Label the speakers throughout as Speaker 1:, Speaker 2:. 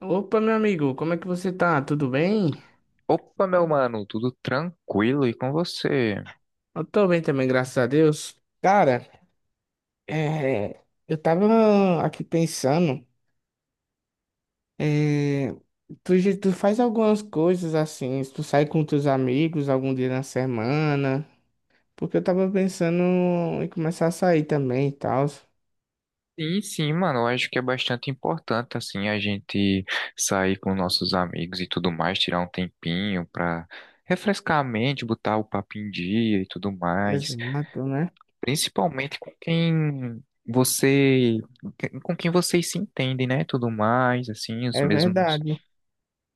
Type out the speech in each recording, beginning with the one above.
Speaker 1: Opa, meu amigo, como é que você tá? Tudo bem?
Speaker 2: Opa, meu mano, tudo tranquilo e com você?
Speaker 1: Eu tô bem também, graças a Deus. Cara, é, eu tava aqui pensando, é, tu faz algumas coisas assim, tu sai com teus amigos algum dia na semana, porque eu tava pensando em começar a sair também e tal.
Speaker 2: Sim, sim, mano, eu acho que é bastante importante, assim, a gente sair com nossos amigos e tudo mais, tirar um tempinho pra refrescar a mente, botar o papo em dia e tudo mais.
Speaker 1: Exato, né?
Speaker 2: Principalmente com quem você, com quem vocês se entendem, né? Tudo mais, assim, os
Speaker 1: É
Speaker 2: mesmos.
Speaker 1: verdade.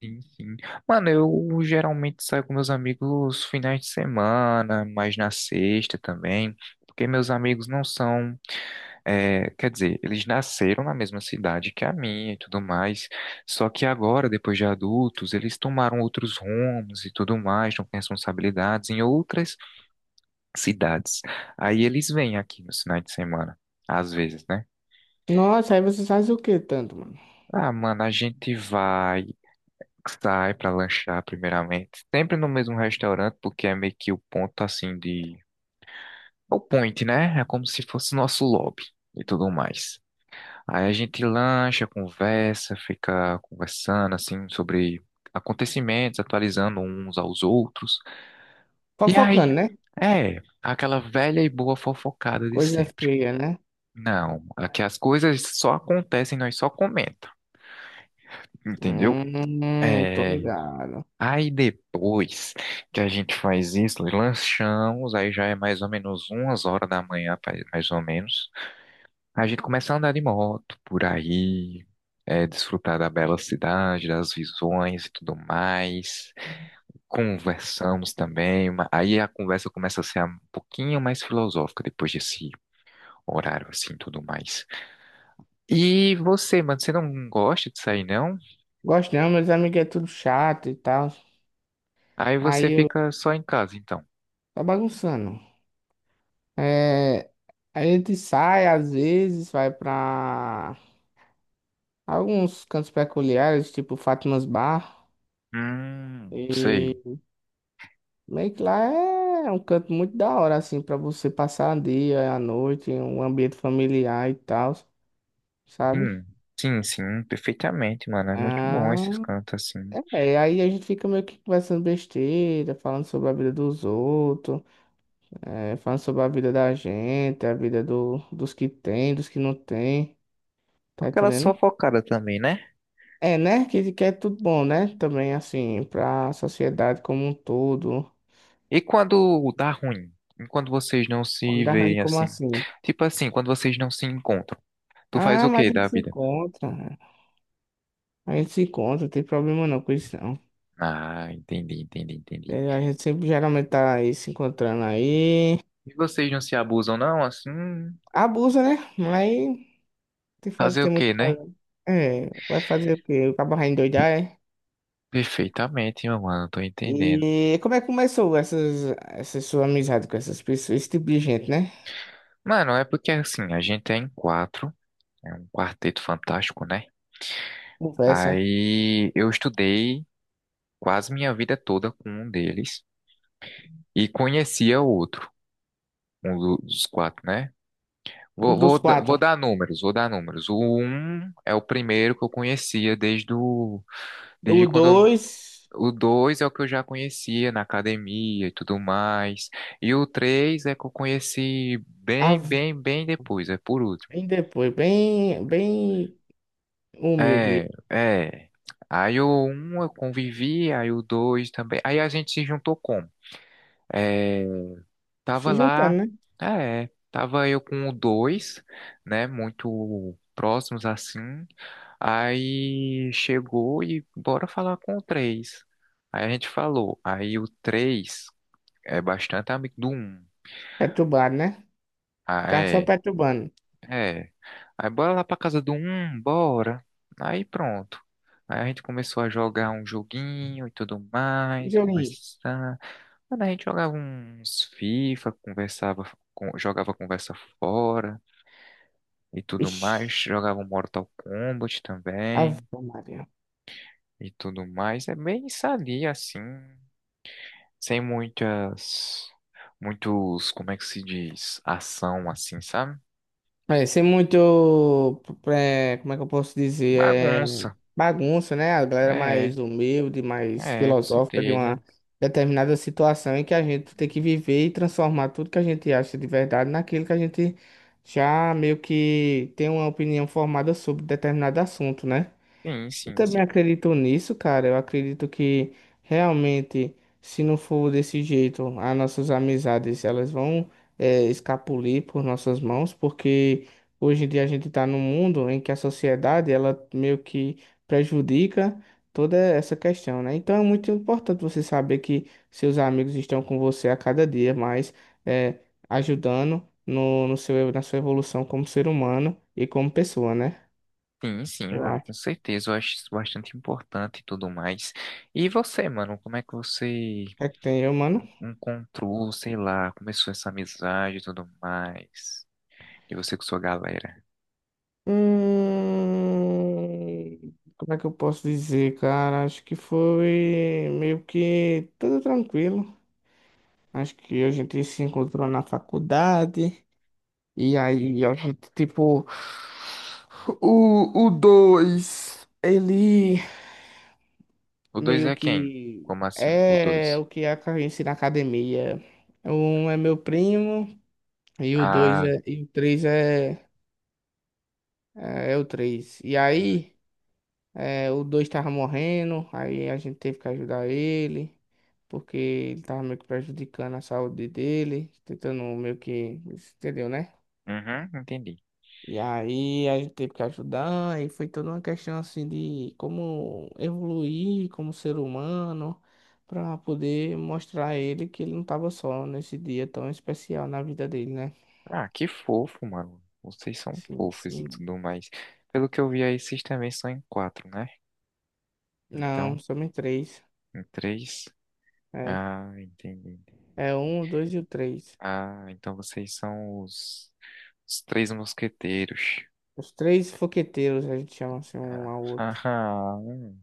Speaker 2: Sim, sim. Mano, eu geralmente saio com meus amigos finais de semana, mas na sexta também, porque meus amigos não são, quer dizer, eles nasceram na mesma cidade que a minha e tudo mais, só que agora, depois de adultos, eles tomaram outros rumos e tudo mais, estão com responsabilidades em outras cidades. Aí eles vêm aqui nos finais de semana, às vezes, né?
Speaker 1: Nossa, aí você faz o que tanto, mano?
Speaker 2: Ah, mano, a gente vai. Sai pra lanchar primeiramente. Sempre no mesmo restaurante, porque é meio que o ponto assim de. É o point, né? É como se fosse nosso lobby e tudo mais. Aí a gente lancha, conversa, fica conversando assim sobre acontecimentos, atualizando uns aos outros. E aí,
Speaker 1: Fofocando, né?
Speaker 2: é aquela velha e boa fofocada de
Speaker 1: Coisa
Speaker 2: sempre.
Speaker 1: feia, né?
Speaker 2: Não, aqui as coisas só acontecem, nós só comenta, entendeu?
Speaker 1: Tô
Speaker 2: É,
Speaker 1: ligado.
Speaker 2: aí depois que a gente faz isso, lanchamos, aí já é mais ou menos umas horas da manhã, mais ou menos. A gente começa a andar de moto por aí, desfrutar da bela cidade, das visões e tudo mais. Conversamos também, aí a conversa começa a ser um pouquinho mais filosófica depois desse horário assim, tudo mais. E você, mano, você não gosta de sair não?
Speaker 1: Gosto não, meus amigos é tudo chato e tal.
Speaker 2: Aí
Speaker 1: Aí
Speaker 2: você
Speaker 1: eu
Speaker 2: fica só em casa, então.
Speaker 1: tá bagunçando. É, a gente sai às vezes, vai pra alguns cantos peculiares, tipo Fátima's Bar.
Speaker 2: Sei.
Speaker 1: E meio que lá é um canto muito da hora, assim, pra você passar o dia, a noite, um ambiente familiar e tal, sabe?
Speaker 2: Hum, sim, sim, perfeitamente, mano. É muito bom esses
Speaker 1: Ah,
Speaker 2: cantos assim.
Speaker 1: é, aí a gente fica meio que conversando besteira, falando sobre a vida dos outros. É, falando sobre a vida da gente, a vida dos que tem, dos que não tem, tá
Speaker 2: Aquela
Speaker 1: entendendo?
Speaker 2: sofocada também, né?
Speaker 1: É, né? Que é tudo bom, né? Também, assim, pra sociedade como um todo.
Speaker 2: E quando dá ruim? E quando vocês não se
Speaker 1: Quando arranha
Speaker 2: veem
Speaker 1: como
Speaker 2: assim?
Speaker 1: assim?
Speaker 2: Tipo assim, quando vocês não se encontram. Tu faz
Speaker 1: Ah,
Speaker 2: o
Speaker 1: mas
Speaker 2: quê
Speaker 1: a gente
Speaker 2: da
Speaker 1: se
Speaker 2: vida?
Speaker 1: encontra. A gente se encontra, não tem problema não com isso, não.
Speaker 2: Ah, entendi, entendi, entendi.
Speaker 1: É, a gente sempre geralmente tá aí se encontrando aí.
Speaker 2: E vocês não se abusam, não? Assim,
Speaker 1: Abusa, né? Mas
Speaker 2: fazer o
Speaker 1: tem muito o
Speaker 2: quê,
Speaker 1: que
Speaker 2: né?
Speaker 1: fazer. É, vai fazer o quê? O cabo vai endoidar, é?
Speaker 2: Perfeitamente, meu mano, tô entendendo.
Speaker 1: E como é que começou essa sua amizade com essas pessoas, esse tipo de gente, né?
Speaker 2: Mano, é porque assim, a gente é em quatro, é um quarteto fantástico, né?
Speaker 1: Conversa.
Speaker 2: Aí eu estudei quase minha vida toda com um deles e conhecia o outro, um dos quatro, né?
Speaker 1: Um
Speaker 2: Vou,
Speaker 1: dos
Speaker 2: vou, da- vou
Speaker 1: quatro.
Speaker 2: dar números, vou dar números. O um é o primeiro que eu conhecia desde o, desde
Speaker 1: O
Speaker 2: quando eu-
Speaker 1: dois,
Speaker 2: o dois é o que eu já conhecia na academia e tudo mais. E o três é que eu conheci bem,
Speaker 1: a-
Speaker 2: bem, bem depois, é por último.
Speaker 1: bem depois, bem humilde.
Speaker 2: É, é. Aí o um eu convivi, aí o dois também. Aí a gente se juntou como? É, Tava
Speaker 1: Se juntando,
Speaker 2: lá,
Speaker 1: né?
Speaker 2: ah, é, tava eu com o dois, né, muito próximos assim. Aí chegou e bora falar com o três. Aí a gente falou, aí o três é bastante amigo do um.
Speaker 1: Perturbado, né?
Speaker 2: Ah,
Speaker 1: Ficar só
Speaker 2: é,
Speaker 1: perturbando.
Speaker 2: é. Aí bora lá pra casa do um, bora. Aí pronto. Aí a gente começou a jogar um joguinho e tudo
Speaker 1: Que
Speaker 2: mais,
Speaker 1: joguinho.
Speaker 2: conversar. Mano, a gente jogava uns FIFA, conversava, jogava conversa fora e tudo mais.
Speaker 1: Ixi,
Speaker 2: Jogava um Mortal Kombat também
Speaker 1: Ave Maria.
Speaker 2: e tudo mais. É bem sadia assim, sem muitas, muitos, como é que se diz, ação assim, sabe?
Speaker 1: É, ser muito, como é que eu posso dizer,
Speaker 2: Bagunça.
Speaker 1: bagunça, né? A galera
Speaker 2: É,
Speaker 1: mais humilde, mais
Speaker 2: é, com
Speaker 1: filosófica de uma
Speaker 2: certeza.
Speaker 1: determinada situação em que a gente tem que viver e transformar tudo que a gente acha de verdade naquilo que a gente já meio que tem uma opinião formada sobre determinado assunto, né?
Speaker 2: Sim,
Speaker 1: Eu
Speaker 2: sim,
Speaker 1: também
Speaker 2: sim.
Speaker 1: acredito nisso, cara. Eu acredito que realmente, se não for desse jeito, as nossas amizades elas vão escapulir por nossas mãos, porque hoje em dia a gente está num mundo em que a sociedade ela meio que prejudica toda essa questão, né? Então é muito importante você saber que seus amigos estão com você a cada dia, mais eh, ajudando no seu, na sua evolução como ser humano e como pessoa, né?
Speaker 2: Sim, sim,
Speaker 1: Eu
Speaker 2: mano, com
Speaker 1: acho.
Speaker 2: certeza. Eu acho isso bastante importante e tudo mais. E você, mano, como é que você
Speaker 1: É que tem, eu, mano.
Speaker 2: encontrou, sei lá, começou essa amizade e tudo mais? E você com sua galera?
Speaker 1: Como é que eu posso dizer, cara? Acho que foi meio que tudo tranquilo. Acho que a gente se encontrou na faculdade. E aí a gente, tipo, o dois, ele
Speaker 2: O 2
Speaker 1: meio
Speaker 2: é quem?
Speaker 1: que
Speaker 2: Como assim, o
Speaker 1: é
Speaker 2: dois.
Speaker 1: o que acontece na academia. Um é meu primo e o dois
Speaker 2: Ah,
Speaker 1: é, e o três é, é o três. E
Speaker 2: hum,
Speaker 1: aí. É, o dois tava morrendo, aí a gente teve que ajudar ele, porque ele tava meio que prejudicando a saúde dele, tentando meio que, entendeu, né?
Speaker 2: uhum, entendi.
Speaker 1: E aí a gente teve que ajudar, e foi toda uma questão assim de como evoluir como ser humano, pra poder mostrar a ele que ele não tava só nesse dia tão especial na vida dele, né?
Speaker 2: Ah, que fofo, mano. Vocês são
Speaker 1: Sim,
Speaker 2: fofos e
Speaker 1: sim.
Speaker 2: tudo mais. Pelo que eu vi aí, vocês também são em quatro, né?
Speaker 1: Não,
Speaker 2: Então,
Speaker 1: somos três.
Speaker 2: em três.
Speaker 1: É,
Speaker 2: Ah, entendi.
Speaker 1: é um, o dois e o três.
Speaker 2: Ah, então vocês são os, três mosqueteiros.
Speaker 1: Os três foqueteiros a gente chama assim um
Speaker 2: Ah,
Speaker 1: ao outro.
Speaker 2: haha,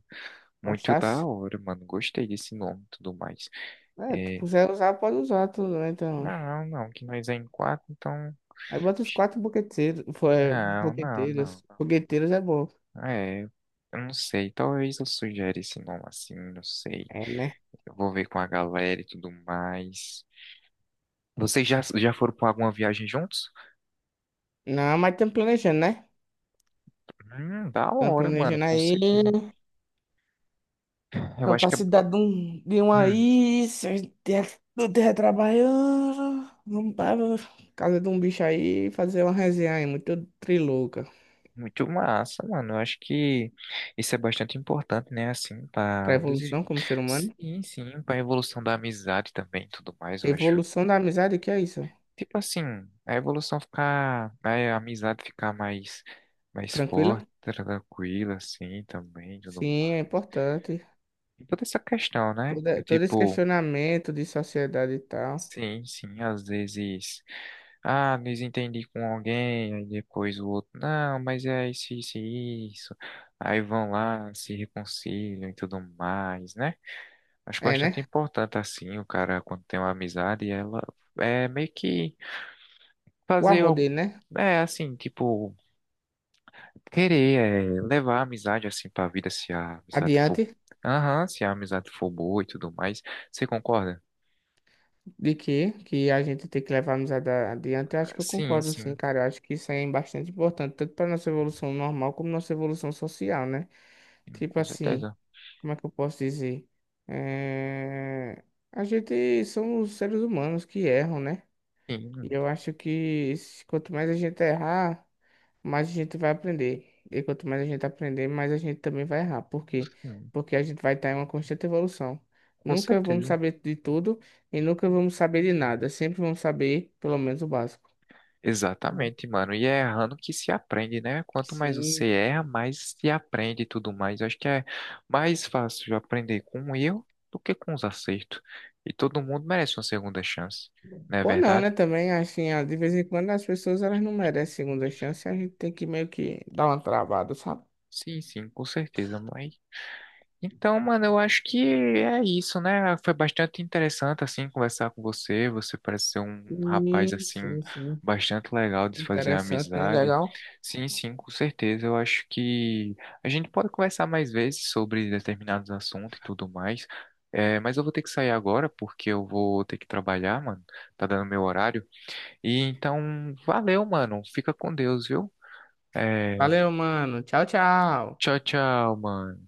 Speaker 2: muito da
Speaker 1: Gostasse?
Speaker 2: hora, mano. Gostei desse nome e tudo mais.
Speaker 1: É, tu
Speaker 2: É,
Speaker 1: quiser usar, pode usar tudo, né? Então.
Speaker 2: não, não, que nós é em quatro, então.
Speaker 1: Aí bota os quatro boqueteiros. Foi,
Speaker 2: Não, não, não.
Speaker 1: boqueteiros. Boqueteiros é bom.
Speaker 2: É, eu não sei. Talvez eu sugere esse nome assim, não sei.
Speaker 1: É, né?
Speaker 2: Eu vou ver com a galera e tudo mais. Vocês já, foram para alguma viagem juntos?
Speaker 1: Não, mas estamos planejando, né?
Speaker 2: Da
Speaker 1: Estamos
Speaker 2: hora, mano,
Speaker 1: planejando
Speaker 2: com certeza.
Speaker 1: aí.
Speaker 2: Eu acho que é
Speaker 1: Capacidade de um
Speaker 2: hum,
Speaker 1: aí. Se a gente do terra trabalhando. Vamos para casa de um bicho aí fazer uma resenha aí, muito trilouca.
Speaker 2: muito massa, mano. Eu acho que isso é bastante importante, né? Assim,
Speaker 1: Pra
Speaker 2: para desi-.
Speaker 1: evolução como ser humano.
Speaker 2: Sim, sim, pra evolução da amizade também e tudo mais. Eu acho.
Speaker 1: Evolução da amizade, o que é isso?
Speaker 2: Tipo assim, a evolução ficar, né, a amizade ficar mais, forte,
Speaker 1: Tranquilo?
Speaker 2: tranquila, assim, também, tudo
Speaker 1: Sim, é
Speaker 2: mais.
Speaker 1: importante.
Speaker 2: E toda essa questão, né?
Speaker 1: todo
Speaker 2: É
Speaker 1: todo esse
Speaker 2: tipo,
Speaker 1: questionamento de sociedade e tal.
Speaker 2: sim, sim, às vezes, ah, desentendi com alguém, aí depois o outro, não, mas é isso, isso, e isso. Aí vão lá, se reconciliam e tudo mais, né? Acho
Speaker 1: É, né?
Speaker 2: bastante importante, assim, o cara, quando tem uma amizade, ela é meio que
Speaker 1: O
Speaker 2: fazer
Speaker 1: amor
Speaker 2: algo,
Speaker 1: dele, né?
Speaker 2: assim, tipo querer levar a amizade assim pra vida se a amizade for.
Speaker 1: Adiante
Speaker 2: Aham, se a amizade for boa e tudo mais. Você concorda?
Speaker 1: de que a gente tem que levar a amizade adiante, eu acho que eu
Speaker 2: Sim,
Speaker 1: concordo sim,
Speaker 2: sim,
Speaker 1: cara. Eu acho que isso aí é bastante importante, tanto para nossa evolução normal como nossa evolução social, né?
Speaker 2: sim,
Speaker 1: Tipo
Speaker 2: com
Speaker 1: assim,
Speaker 2: certeza.
Speaker 1: como é que eu posso dizer? É... A gente somos seres humanos que erram, né? E
Speaker 2: Sim,
Speaker 1: eu acho que quanto mais a gente errar, mais a gente vai aprender. E quanto mais a gente aprender, mais a gente também vai errar. Por quê?
Speaker 2: sim,
Speaker 1: Porque a gente vai estar em uma constante evolução.
Speaker 2: com
Speaker 1: Nunca vamos
Speaker 2: certeza.
Speaker 1: saber de tudo e nunca vamos saber de nada. Sempre vamos saber pelo menos o básico. Entendeu?
Speaker 2: Exatamente, mano. E é errando que se aprende, né? Quanto mais
Speaker 1: Sim.
Speaker 2: você erra, mais se aprende e tudo mais. Acho que é mais fácil aprender com o erro do que com os acertos. E todo mundo merece uma segunda chance, não é
Speaker 1: Ou não,
Speaker 2: verdade?
Speaker 1: né? Também, assim, ah, de vez em quando as pessoas elas não merecem segunda chance, a gente tem que meio que dar uma travada, sabe?
Speaker 2: Sim, sim, com certeza. Mas. Então, mano, eu acho que é isso, né? Foi bastante interessante, assim, conversar com você. Você parece ser um rapaz,
Speaker 1: Sim,
Speaker 2: assim,
Speaker 1: sim, sim.
Speaker 2: bastante legal de se fazer
Speaker 1: Interessante, né?
Speaker 2: amizade.
Speaker 1: Legal.
Speaker 2: Sim, sim, com certeza. Eu acho que a gente pode conversar mais vezes sobre determinados assuntos e tudo mais. É, mas eu vou ter que sair agora porque eu vou ter que trabalhar, mano. Tá dando meu horário. E então, valeu, mano. Fica com Deus, viu? É,
Speaker 1: Valeu, mano. Tchau, tchau.
Speaker 2: tchau, tchau, mano.